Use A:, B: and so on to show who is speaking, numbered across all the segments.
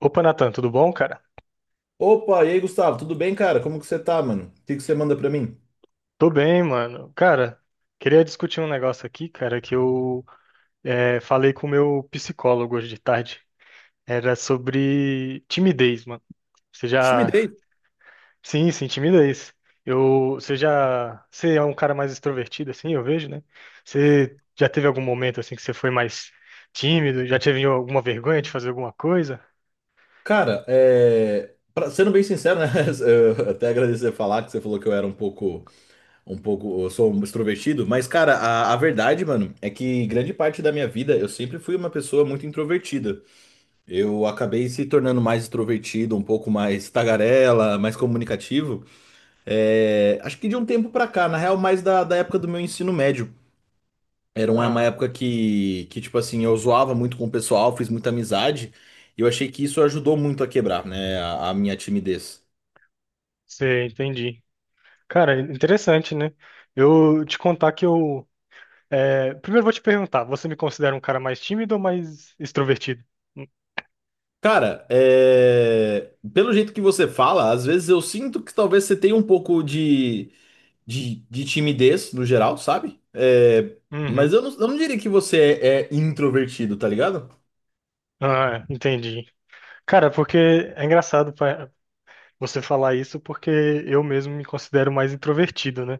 A: Opa, Natan, tudo bom, cara?
B: Opa, e aí, Gustavo, tudo bem, cara? Como que você tá, mano? O que que você manda pra mim?
A: Tô bem, mano. Cara, queria discutir um negócio aqui, cara, falei com o meu psicólogo hoje de tarde. Era sobre timidez, mano. Você já.
B: Timidez.
A: Sim, sim, timidez. Você já. Você é um cara mais extrovertido, assim, eu vejo, né? Você já teve algum momento, assim, que você foi mais tímido? Já teve alguma vergonha de fazer alguma coisa?
B: Cara, sendo bem sincero, né? Eu até agradecer falar que você falou que eu era eu sou um extrovertido, mas, cara, a verdade, mano, é que grande parte da minha vida eu sempre fui uma pessoa muito introvertida. Eu acabei se tornando mais extrovertido, um pouco mais tagarela, mais comunicativo. Acho que de um tempo pra cá, na real, mais da época do meu ensino médio. Era uma
A: Ah,
B: época tipo assim, eu zoava muito com o pessoal, fiz muita amizade, e eu achei que isso ajudou muito a quebrar, né, a minha timidez.
A: você entendi. Cara, interessante, né? Eu te contar que eu. É, primeiro eu vou te perguntar, você me considera um cara mais tímido ou mais extrovertido?
B: Cara, pelo jeito que você fala, às vezes eu sinto que talvez você tenha um pouco de timidez no geral, sabe? Mas
A: Uhum.
B: eu não diria que você é introvertido, tá ligado?
A: Ah, é, entendi. Cara, porque é engraçado você falar isso, porque eu mesmo me considero mais introvertido, né?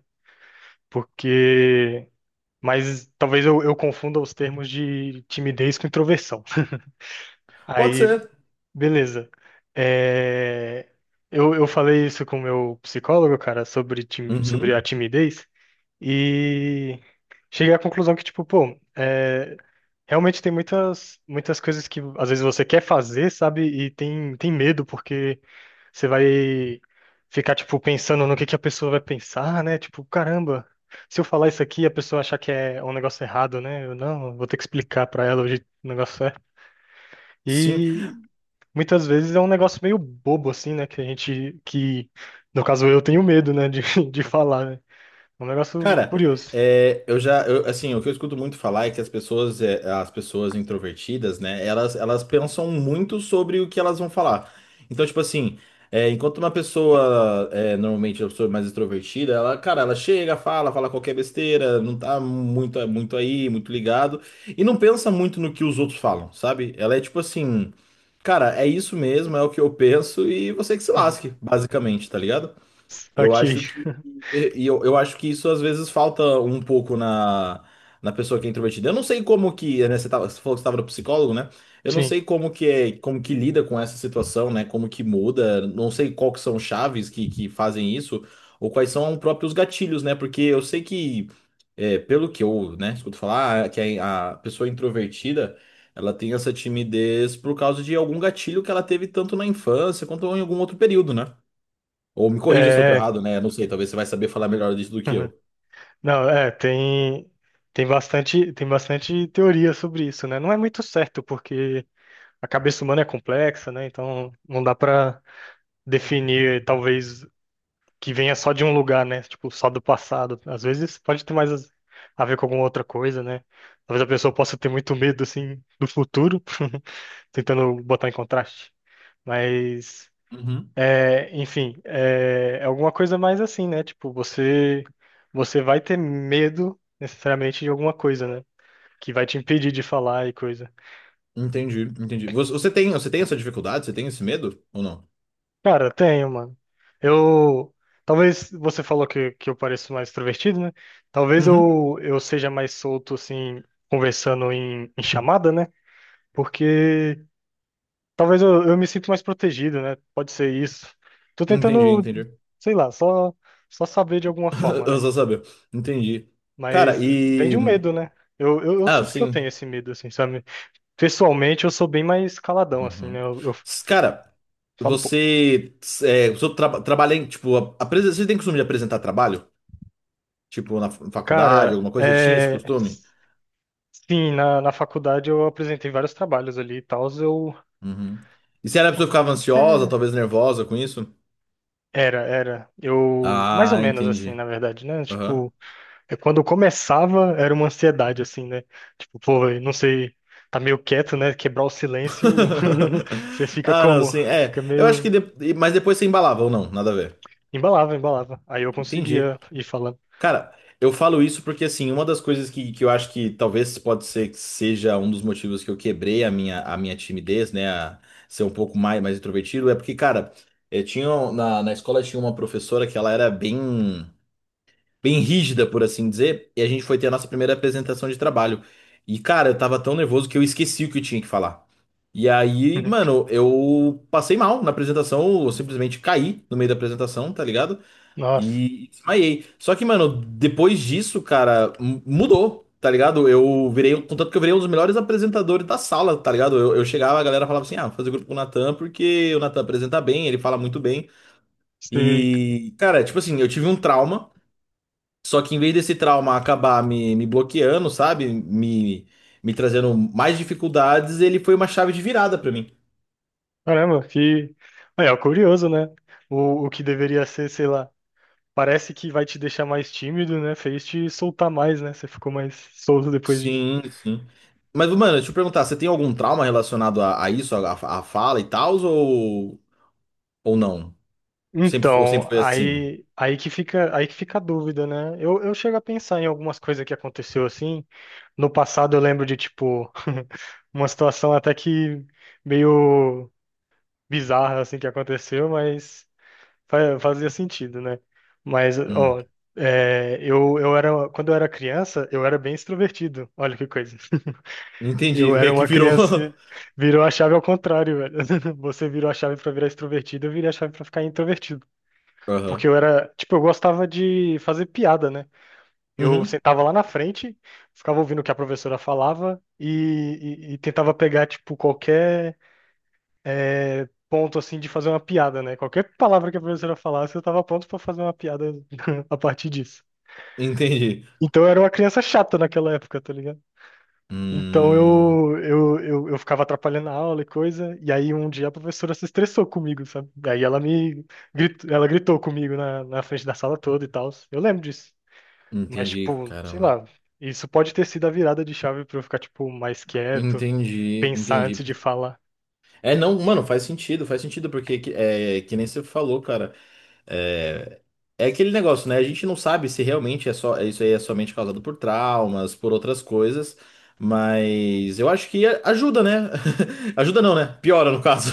A: Porque. Mas talvez eu confunda os termos de timidez com introversão.
B: Pode
A: Aí,
B: ser.
A: beleza. É, eu falei isso com o meu psicólogo, cara, sobre, sobre a
B: Uhum.
A: timidez, e cheguei à conclusão que, tipo, pô, é, realmente tem muitas, muitas coisas que às vezes você quer fazer, sabe? E tem, tem medo, porque você vai ficar, tipo, pensando no que a pessoa vai pensar, né? Tipo, caramba, se eu falar isso aqui, a pessoa achar que é um negócio errado, né? Eu não, vou ter que explicar pra ela hoje o negócio é.
B: Sim,
A: E muitas vezes é um negócio meio bobo, assim, né? Que a gente, que, no caso, eu tenho medo, né? De, de falar, né? É um negócio
B: cara,
A: curioso.
B: assim, o que eu escuto muito falar é que as pessoas introvertidas, né, elas pensam muito sobre o que elas vão falar. Então, tipo assim, enquanto normalmente, uma pessoa mais extrovertida, ela, cara, ela chega, fala qualquer besteira, não tá muito aí, muito ligado, e não pensa muito no que os outros falam, sabe? Ela é tipo assim, cara, é isso mesmo, é o que eu penso e você que se
A: Uhum.
B: lasque, basicamente, tá ligado?
A: Tá
B: Eu
A: aqui.
B: acho que eu acho que isso às vezes falta um pouco na, na pessoa que é introvertida. Eu não sei como que, né, você falou que você estava no psicólogo, né? Eu não
A: Sim.
B: sei como que é, como que lida com essa situação, né? Como que muda, não sei qual que são chaves que fazem isso ou quais são os próprios gatilhos, né? Porque eu sei que, pelo que eu, né, escuto falar, ah, que a pessoa introvertida, ela tem essa timidez por causa de algum gatilho que ela teve tanto na infância quanto em algum outro período, né? Ou me corrija se eu tô
A: É.
B: errado, né? Não sei, talvez você vai saber falar melhor disso do que
A: Uhum.
B: eu.
A: Não, é, tem, tem bastante teoria sobre isso, né? Não é muito certo, porque a cabeça humana é complexa, né? Então não dá pra definir, talvez, que venha só de um lugar, né? Tipo, só do passado. Às vezes pode ter mais a ver com alguma outra coisa, né? Talvez a pessoa possa ter muito medo, assim, do futuro, tentando botar em contraste. Mas.
B: Uhum.
A: É, enfim, é, é alguma coisa mais assim, né? Tipo, você vai ter medo necessariamente de alguma coisa, né? Que vai te impedir de falar e coisa.
B: Entendi, entendi. Você tem essa dificuldade? Você tem esse medo ou não?
A: Cara, tenho, mano. Eu talvez você falou que, eu pareço mais extrovertido, né? Talvez
B: Uhum.
A: eu seja mais solto assim conversando em, em chamada, né? Porque talvez eu me sinto mais protegido, né? Pode ser isso. Tô
B: Entendi,
A: tentando,
B: entendi.
A: sei lá, só saber de alguma forma, né?
B: Eu só sabia. Entendi. Cara,
A: Mas vem de
B: e.
A: um medo, né? Eu
B: Ah,
A: sinto que eu tenho
B: sim.
A: esse medo, assim, sabe? Pessoalmente, eu sou bem mais caladão, assim, né?
B: Uhum.
A: Eu
B: Cara,
A: falo, pô,
B: você. Você trabalha em. Tipo, você tem costume de apresentar trabalho? Tipo, na faculdade,
A: cara,
B: alguma coisa? Você tinha esse
A: é...
B: costume?
A: Sim, na faculdade eu apresentei vários trabalhos ali e tal, eu...
B: Uhum. E se era a pessoa que ficava ansiosa,
A: É,
B: talvez nervosa com isso?
A: era, era. Eu... Mais ou
B: Ah,
A: menos, assim,
B: entendi.
A: na verdade, né?
B: Aham.
A: Tipo, é quando eu começava, era uma ansiedade, assim, né? Tipo, pô, eu não sei... Tá meio quieto, né? Quebrar o silêncio, você fica
B: Ah, não,
A: como?
B: sim. É,
A: Fica
B: eu acho que.
A: meio...
B: De- Mas depois você embalava ou não, nada a ver.
A: Embalava, embalava. Aí eu
B: Entendi.
A: conseguia ir falando.
B: Cara, eu falo isso porque, assim, uma das coisas que eu acho que talvez pode ser que seja um dos motivos que eu quebrei a minha timidez, né? A ser um pouco mais introvertido, é porque, cara, na, na escola tinha uma professora que ela era bem, bem rígida, por assim dizer, e a gente foi ter a nossa primeira apresentação de trabalho. E, cara, eu tava tão nervoso que eu esqueci o que eu tinha que falar. E aí,
A: Uhum.
B: mano, eu passei mal na apresentação, eu simplesmente caí no meio da apresentação, tá ligado?
A: Nossa,
B: E desmaiei. Só que, mano, depois disso, cara, mudou, tá ligado? Eu virei, contanto que eu virei um dos melhores apresentadores da sala, tá ligado? Eu chegava, a galera falava assim: ah, vou fazer grupo com o Natan, porque o Natan apresenta bem, ele fala muito bem.
A: sei.
B: E, cara, tipo assim, eu tive um trauma, só que em vez desse trauma acabar me bloqueando, sabe? Me trazendo mais dificuldades, ele foi uma chave de virada pra mim.
A: Caramba, que. É, é curioso, né? O que deveria ser, sei lá, parece que vai te deixar mais tímido, né? Fez te soltar mais, né? Você ficou mais solto depois disso.
B: Sim, sim. Mas, mano, deixa eu perguntar, você tem algum trauma relacionado a isso, a fala e tal, ou não? Sempre, ou sempre
A: Então,
B: foi assim?
A: aí, aí que fica a dúvida, né? Eu chego a pensar em algumas coisas que aconteceu assim. No passado eu lembro de, tipo, uma situação até que meio bizarra assim que aconteceu, mas. Fazia sentido, né? Mas,
B: Hum,
A: ó, é, eu era, quando eu era criança, eu era bem extrovertido. Olha que coisa.
B: entendi,
A: Eu era
B: meio que
A: uma
B: virou.
A: criança, virou a chave ao contrário, velho. Você virou a chave pra virar extrovertido, eu virei a chave pra ficar introvertido. Porque
B: Aham.
A: eu era, tipo, eu gostava de fazer piada, né? Eu
B: Uhum,
A: sentava lá na frente, ficava ouvindo o que a professora falava e tentava pegar, tipo, qualquer é, ponto assim de fazer uma piada, né? Qualquer palavra que a professora falasse, eu tava pronto pra fazer uma piada a partir disso.
B: entendi.
A: Então eu era uma criança chata naquela época, tá ligado? Então
B: Hum,
A: eu ficava atrapalhando a aula e coisa, e aí um dia a professora se estressou comigo, sabe? E aí ela me gritou, ela gritou comigo na, na frente da sala toda e tal. Eu lembro disso. Mas,
B: entendi,
A: tipo, sei
B: caramba.
A: lá, isso pode ter sido a virada de chave pra eu ficar, tipo, mais quieto,
B: Entendi,
A: pensar
B: entendi.
A: antes de falar.
B: É, não, mano, faz sentido, porque que nem você falou, cara. É, é aquele negócio, né? A gente não sabe se realmente é só, é, isso aí é somente causado por traumas, por outras coisas, mas eu acho que ajuda, né? Ajuda não, né? Piora, no caso.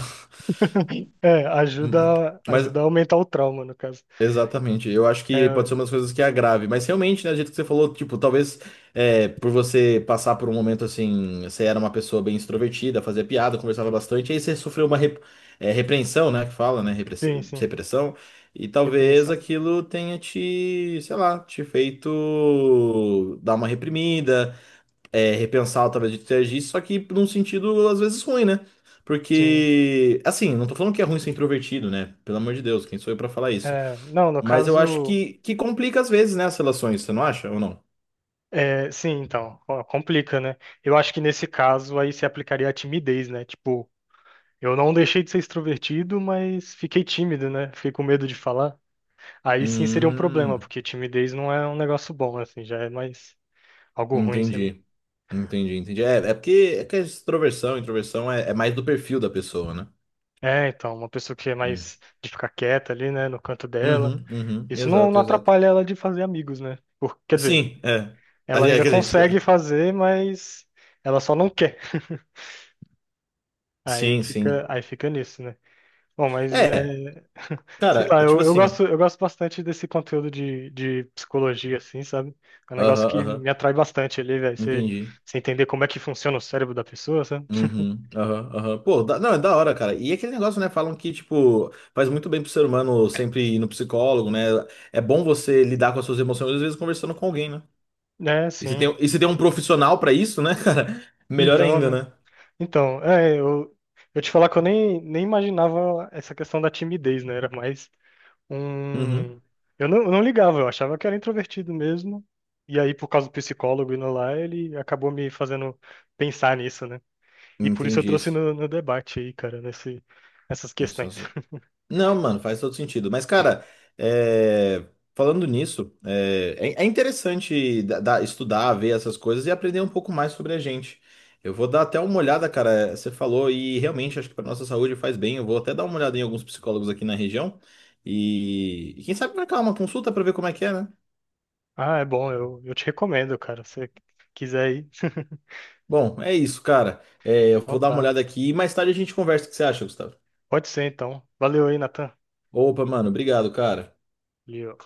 A: É, ajuda,
B: Mas
A: ajuda a aumentar o trauma, no caso.
B: exatamente, eu acho que pode
A: É,
B: ser uma das coisas que agrave, mas realmente, né, do jeito que você falou, tipo, talvez por você passar por um momento assim, você era uma pessoa bem extrovertida, fazia piada, conversava bastante, aí você sofreu uma repreensão, né, que fala, né,
A: sim, sim,
B: repressão, e talvez
A: repreensão.
B: aquilo tenha te, sei lá, te feito dar uma reprimida, repensar a tabela de interagir, só que num sentido às vezes ruim, né?
A: Sim.
B: Porque, assim, não tô falando que é ruim ser introvertido, né? Pelo amor de Deus, quem sou eu pra falar isso?
A: É, não, no
B: Mas eu acho
A: caso,
B: que complica às vezes, né, as relações, você não acha ou não?
A: é, sim, então, ó, complica, né? Eu acho que nesse caso aí se aplicaria a timidez, né? Tipo, eu não deixei de ser extrovertido, mas fiquei tímido, né? Fiquei com medo de falar. Aí sim seria um problema,
B: Hum,
A: porque timidez não é um negócio bom, assim, já é mais algo ruim, sei lá.
B: entendi. Entendi, entendi. É, é porque é que a extroversão, introversão é mais do perfil da pessoa, né?
A: É, então, uma pessoa que é
B: Hum.
A: mais de ficar quieta ali, né, no canto dela,
B: Uhum, uhum,
A: isso não,
B: exato,
A: não
B: exato.
A: atrapalha ela de fazer amigos, né? Por, quer dizer,
B: Sim, é. A
A: ela
B: gente- é
A: ainda
B: que a gente
A: consegue
B: espera.
A: fazer, mas ela só não quer.
B: Sim, sim.
A: Aí fica nisso, né? Bom, mas
B: É,
A: é, sei
B: cara,
A: lá,
B: é
A: eu,
B: tipo
A: eu
B: assim.
A: gosto, eu gosto bastante desse conteúdo de psicologia, assim, sabe? É um negócio
B: Aham,
A: que me
B: aham.
A: atrai bastante ali, velho. Você,
B: Entendi.
A: você entender como é que funciona o cérebro da pessoa, sabe?
B: Uhum, aham, aham. Pô, não, é da hora, cara. E aquele negócio, né? Falam que, tipo, faz muito bem pro ser humano sempre ir no psicólogo, né? É bom você lidar com as suas emoções, às vezes conversando com alguém, né?
A: É, sim.
B: E se tem um profissional pra isso, né, cara? Melhor
A: Então,
B: ainda,
A: né?
B: né?
A: Então, é, eu te falar que eu nem, nem imaginava essa questão da timidez, né? Era mais
B: Uhum,
A: um eu não ligava, eu achava que era introvertido mesmo. E aí, por causa do psicólogo indo lá, ele acabou me fazendo pensar nisso, né? E por isso eu
B: entendi
A: trouxe
B: isso.
A: no, no debate aí, cara, nesse, nessas questões.
B: Não, mano, faz todo sentido. Mas, cara, é, falando nisso, é interessante estudar, ver essas coisas e aprender um pouco mais sobre a gente. Eu vou dar até uma olhada, cara. Você falou e realmente acho que para nossa saúde faz bem. Eu vou até dar uma olhada em alguns psicólogos aqui na região e quem sabe marcar uma consulta para ver como é que é, né?
A: Ah, é bom, eu te recomendo, cara, se você quiser ir.
B: Bom, é isso, cara. É, eu
A: Então
B: vou dar uma
A: tá.
B: olhada aqui e mais tarde a gente conversa. O que você acha, Gustavo?
A: Pode ser, então. Valeu aí, Natan.
B: Opa, mano, obrigado, cara.
A: Valeu.